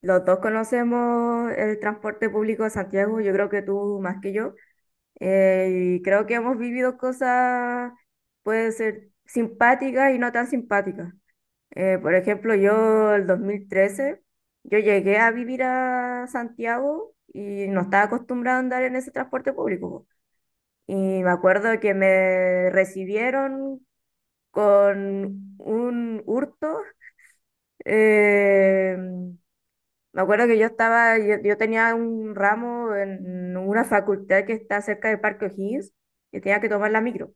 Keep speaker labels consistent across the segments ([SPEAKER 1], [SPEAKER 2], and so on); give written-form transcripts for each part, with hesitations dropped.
[SPEAKER 1] Los dos conocemos el transporte público de Santiago, yo creo que tú más que yo, y creo que hemos vivido cosas, puede ser simpáticas y no tan simpáticas. Por ejemplo, yo el 2013, yo llegué a vivir a Santiago y no estaba acostumbrada a andar en ese transporte público, po. Y me acuerdo que me recibieron con un hurto. eh, Me acuerdo que yo tenía un ramo en una facultad que está cerca del Parque O'Higgins y tenía que tomar la micro.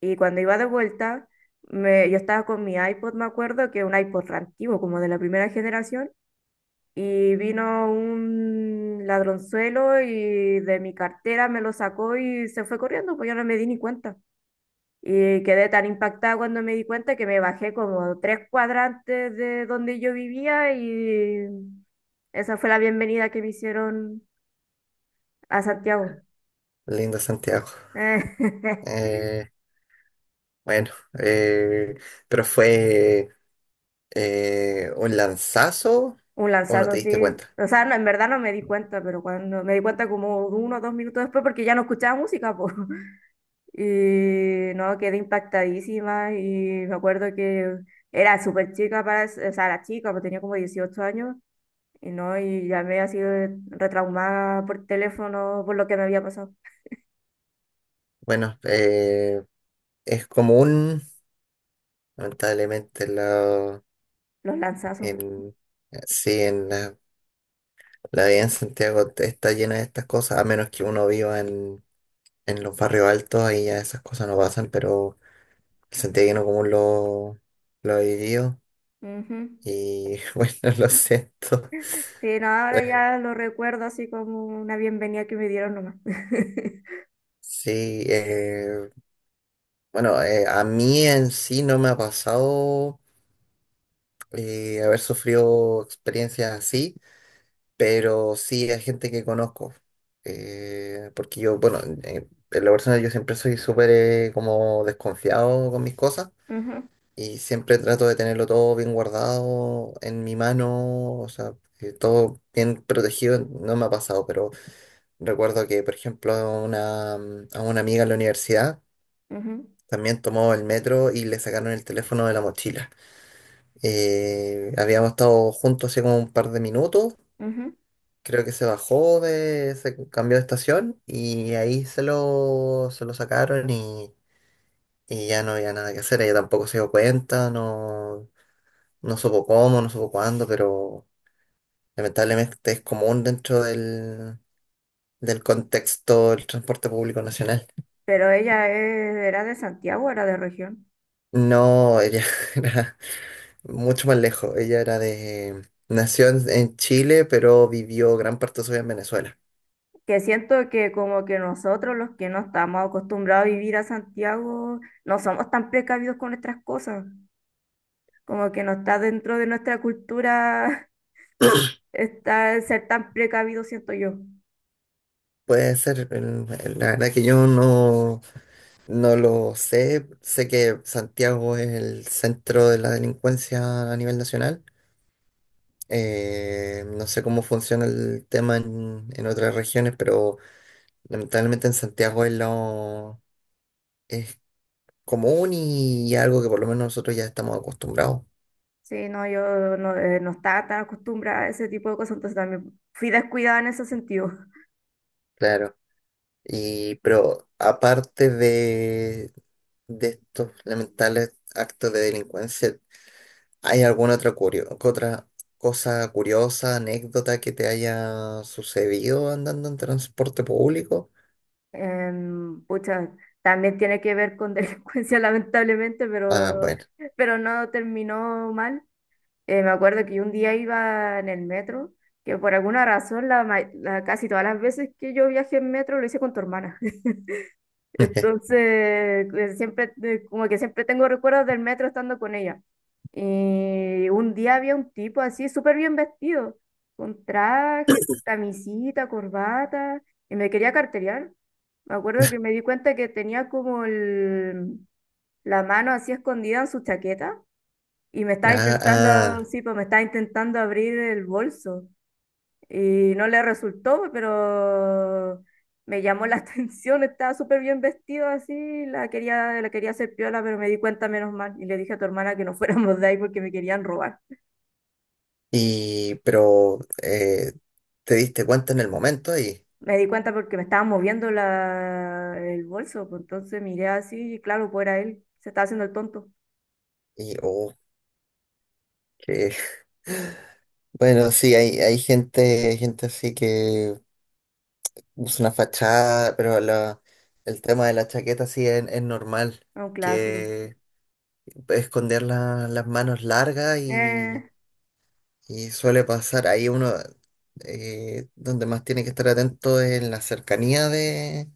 [SPEAKER 1] Y cuando iba de vuelta, yo estaba con mi iPod, me acuerdo, que es un iPod re antiguo, como de la primera generación, y vino un ladronzuelo y de mi cartera me lo sacó y se fue corriendo, pues yo no me di ni cuenta. Y quedé tan impactada cuando me di cuenta que me bajé como tres cuadrantes de donde yo vivía, y esa fue la bienvenida que me hicieron a Santiago.
[SPEAKER 2] Lindo Santiago. Eh, bueno, eh, pero fue un lanzazo
[SPEAKER 1] Un
[SPEAKER 2] o no
[SPEAKER 1] lanzazo
[SPEAKER 2] te diste
[SPEAKER 1] así.
[SPEAKER 2] cuenta.
[SPEAKER 1] O sea, no, en verdad no me di cuenta, pero cuando me di cuenta como uno o dos minutos después porque ya no escuchaba música, po. Y no, quedé impactadísima y me acuerdo que era súper chica para, o sea, era chica, pues tenía como 18 años y no, y llamé así retraumada por teléfono por lo que me había pasado,
[SPEAKER 2] Bueno, es común, lamentablemente,
[SPEAKER 1] los lanzazos.
[SPEAKER 2] en, sí, la vida en Santiago está llena de estas cosas, a menos que uno viva en los barrios altos, ahí ya esas cosas no pasan, pero el santiaguino común lo ha vivido
[SPEAKER 1] Ujú.
[SPEAKER 2] y bueno, lo siento.
[SPEAKER 1] Sí, no, ahora ya lo recuerdo así como una bienvenida que me dieron nomás.
[SPEAKER 2] Sí, bueno, a mí en sí no me ha pasado haber sufrido experiencias así, pero sí hay gente que conozco. Porque yo, bueno, en lo personal yo siempre soy súper como desconfiado con mis cosas
[SPEAKER 1] Ujú,
[SPEAKER 2] y siempre trato de tenerlo todo bien guardado en mi mano, o sea, que todo bien protegido. No me ha pasado, pero recuerdo que, por ejemplo, a una amiga en la universidad
[SPEAKER 1] ujú,
[SPEAKER 2] también tomó el metro y le sacaron el teléfono de la mochila. Habíamos estado juntos hace como un par de minutos.
[SPEAKER 1] ujú.
[SPEAKER 2] Creo que se bajó de, se cambió de estación y ahí se lo sacaron y ya no había nada que hacer. Ella tampoco se dio cuenta, no, no supo cómo, no supo cuándo, pero lamentablemente es común dentro del contexto del transporte público nacional.
[SPEAKER 1] Pero ella era de Santiago, era de región.
[SPEAKER 2] No, ella era mucho más lejos. Ella era de, nació en Chile, pero vivió gran parte de su vida en Venezuela.
[SPEAKER 1] Que siento que como que nosotros los que no estamos acostumbrados a vivir a Santiago, no somos tan precavidos con nuestras cosas. Como que no está dentro de nuestra cultura estar, ser tan precavido, siento yo.
[SPEAKER 2] Puede ser, la verdad que yo no, no lo sé. Sé que Santiago es el centro de la delincuencia a nivel nacional. No sé cómo funciona el tema en otras regiones, pero lamentablemente en Santiago es común y algo que por lo menos nosotros ya estamos acostumbrados.
[SPEAKER 1] Sí, no, yo no, no estaba tan acostumbrada a ese tipo de cosas, entonces también fui descuidada en ese sentido.
[SPEAKER 2] Claro. Y, pero aparte de estos lamentables actos de delincuencia, ¿hay alguna otra, otra cosa curiosa, anécdota que te haya sucedido andando en transporte público?
[SPEAKER 1] Pucha, también tiene que ver con delincuencia, lamentablemente,
[SPEAKER 2] Ah, bueno.
[SPEAKER 1] pero no terminó mal. Me acuerdo que un día iba en el metro, que por alguna razón, casi todas las veces que yo viajé en metro lo hice con tu hermana. Entonces, siempre, como que siempre tengo recuerdos del metro estando con ella. Y un día había un tipo así, súper bien vestido, con traje, con camisita, corbata, y me quería carterear. Me acuerdo que me di cuenta que tenía como la mano así escondida en su chaqueta y me estaba
[SPEAKER 2] Ah,
[SPEAKER 1] intentando,
[SPEAKER 2] ah,
[SPEAKER 1] sí, pues me estaba intentando abrir el bolso. Y no le resultó, pero me llamó la atención, estaba súper bien vestido así, la quería hacer piola, pero me di cuenta menos mal. Y le dije a tu hermana que no fuéramos de ahí porque me querían robar.
[SPEAKER 2] y pero te diste cuenta en el momento
[SPEAKER 1] Me di cuenta porque me estaba moviendo el bolso, pues entonces miré así y claro, pues era él, se estaba haciendo el tonto,
[SPEAKER 2] y oh, que bueno, sí, hay, hay gente así que usa una fachada, pero el tema de la chaqueta sí es normal,
[SPEAKER 1] era un clásico.
[SPEAKER 2] que esconder las manos largas.
[SPEAKER 1] Eh,
[SPEAKER 2] Y suele pasar ahí uno, donde más tiene que estar atento es en la cercanía de,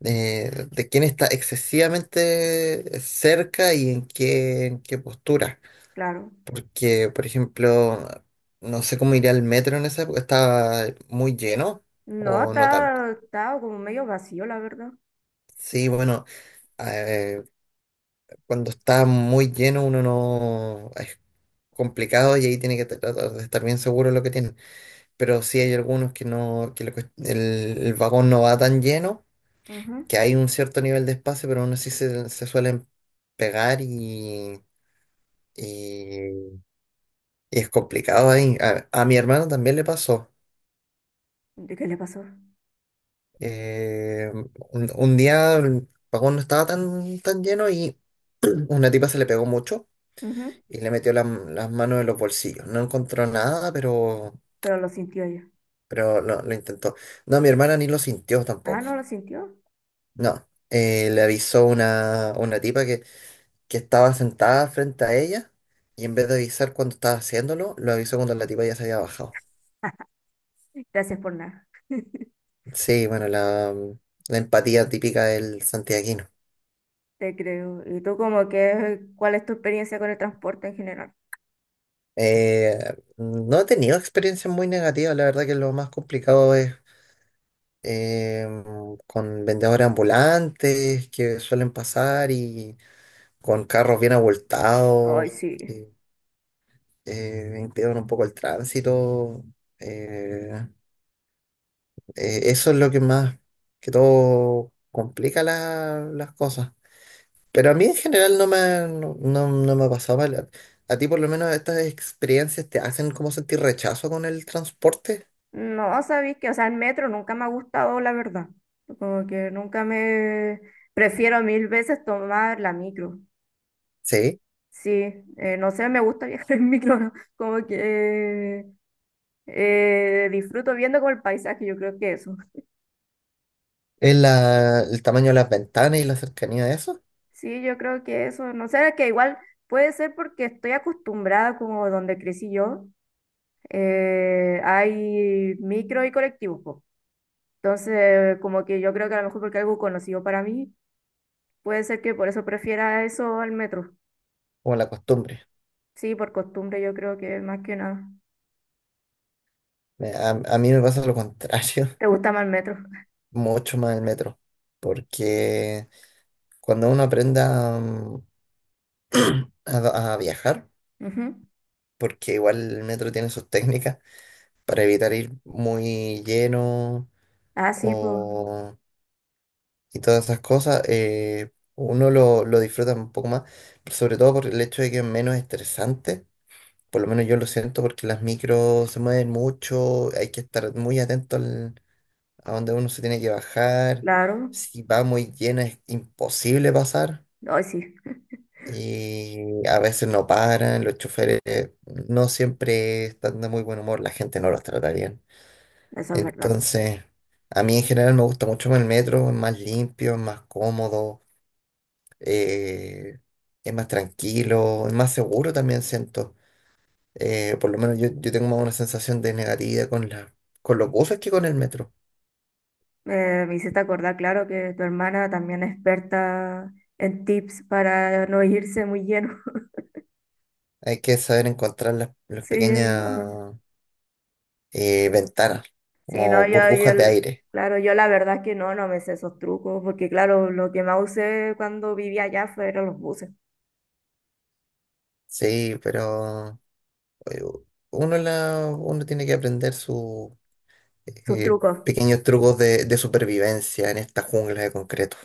[SPEAKER 2] de, de quién está excesivamente cerca y en qué postura.
[SPEAKER 1] claro.
[SPEAKER 2] Porque, por ejemplo, no sé cómo iría el metro en esa época, estaba muy lleno
[SPEAKER 1] No,
[SPEAKER 2] o no tanto.
[SPEAKER 1] estaba, estaba como medio vacío, la verdad.
[SPEAKER 2] Sí, bueno, eh, cuando está muy lleno uno no... Es complicado y ahí tiene que tratar de estar bien seguro de lo que tiene. Pero sí hay algunos que no, que el vagón no va tan lleno,
[SPEAKER 1] Ujú.
[SPEAKER 2] que hay un cierto nivel de espacio, pero aún así se, se suelen pegar y- y es complicado ahí. A mi hermano también le pasó.
[SPEAKER 1] ¿De qué le pasó?
[SPEAKER 2] Eh, un día el vagón no estaba tan lleno y una tipa se le pegó mucho
[SPEAKER 1] Ujú.
[SPEAKER 2] y le metió las manos en los bolsillos. No encontró nada,
[SPEAKER 1] Pero lo sintió ella.
[SPEAKER 2] pero lo intentó. No, mi hermana ni lo sintió
[SPEAKER 1] Ah,
[SPEAKER 2] tampoco.
[SPEAKER 1] no lo sintió.
[SPEAKER 2] No, le avisó una tipa que estaba sentada frente a ella y en vez de avisar cuando estaba haciéndolo, lo avisó cuando la tipa ya se había bajado.
[SPEAKER 1] Gracias por nada,
[SPEAKER 2] Sí, bueno, la empatía típica del santiaguino.
[SPEAKER 1] te creo. ¿Y tú como que cuál es tu experiencia con el transporte en general?
[SPEAKER 2] Eh, no he tenido experiencias muy negativas, la verdad que lo más complicado es eh, con vendedores ambulantes que suelen pasar y con carros bien
[SPEAKER 1] Ay,
[SPEAKER 2] abultados
[SPEAKER 1] sí.
[SPEAKER 2] que impiden un poco el tránsito. eh, eso es lo que más, que todo complica las cosas. Pero a mí en general no no me pasaba. A ti por lo menos estas experiencias te hacen como sentir rechazo con el transporte.
[SPEAKER 1] No, sabéis que, o sea, el metro nunca me ha gustado, la verdad. Como que nunca me... Prefiero mil veces tomar la micro.
[SPEAKER 2] Sí.
[SPEAKER 1] Sí, no sé, me gusta viajar en micro, ¿no? Como que disfruto viendo como el paisaje, yo creo que eso.
[SPEAKER 2] Es el tamaño de las ventanas y la cercanía de eso,
[SPEAKER 1] Sí, yo creo que eso, no sé, que igual puede ser porque estoy acostumbrada como donde crecí yo, hay micro y colectivos, po. Entonces, como que yo creo que a lo mejor porque algo conocido para mí, puede ser que por eso prefiera eso al metro.
[SPEAKER 2] o la costumbre.
[SPEAKER 1] Sí, por costumbre yo creo que más que nada.
[SPEAKER 2] A mí me pasa lo contrario,
[SPEAKER 1] ¿Te gusta más el metro?
[SPEAKER 2] mucho más el metro. Porque cuando uno aprenda a viajar,
[SPEAKER 1] Ujú.
[SPEAKER 2] porque igual el metro tiene sus técnicas para evitar ir muy lleno
[SPEAKER 1] Ah, sí, pues,
[SPEAKER 2] o, y todas esas cosas, uno lo disfruta un poco más, pero sobre todo por el hecho de que es menos estresante, por lo menos yo lo siento porque las micros se mueven mucho, hay que estar muy atento a donde uno se tiene que bajar,
[SPEAKER 1] claro.
[SPEAKER 2] si va muy llena es imposible pasar.
[SPEAKER 1] Hoy sí,
[SPEAKER 2] Y a veces no paran, los choferes no siempre están de muy buen humor, la gente no los trata bien.
[SPEAKER 1] eso es verdad.
[SPEAKER 2] Entonces, a mí en general me gusta mucho más el metro, es más limpio, es más cómodo, eh, es más tranquilo, es más seguro también siento. Por lo menos yo tengo más una sensación de negatividad con con los buses que con el metro.
[SPEAKER 1] Me hiciste acordar, claro, que tu hermana también es experta en tips para no irse muy lleno.
[SPEAKER 2] Hay que saber encontrar las
[SPEAKER 1] Sí,
[SPEAKER 2] pequeñas
[SPEAKER 1] no.
[SPEAKER 2] ventanas,
[SPEAKER 1] Sí, no,
[SPEAKER 2] como burbujas de aire.
[SPEAKER 1] claro, yo la verdad es que no, no me sé esos trucos, porque claro, lo que más usé cuando vivía allá fueron los buses,
[SPEAKER 2] Sí, pero eh, uno tiene que aprender sus
[SPEAKER 1] sus trucos.
[SPEAKER 2] pequeños trucos de supervivencia en esta jungla de concreto.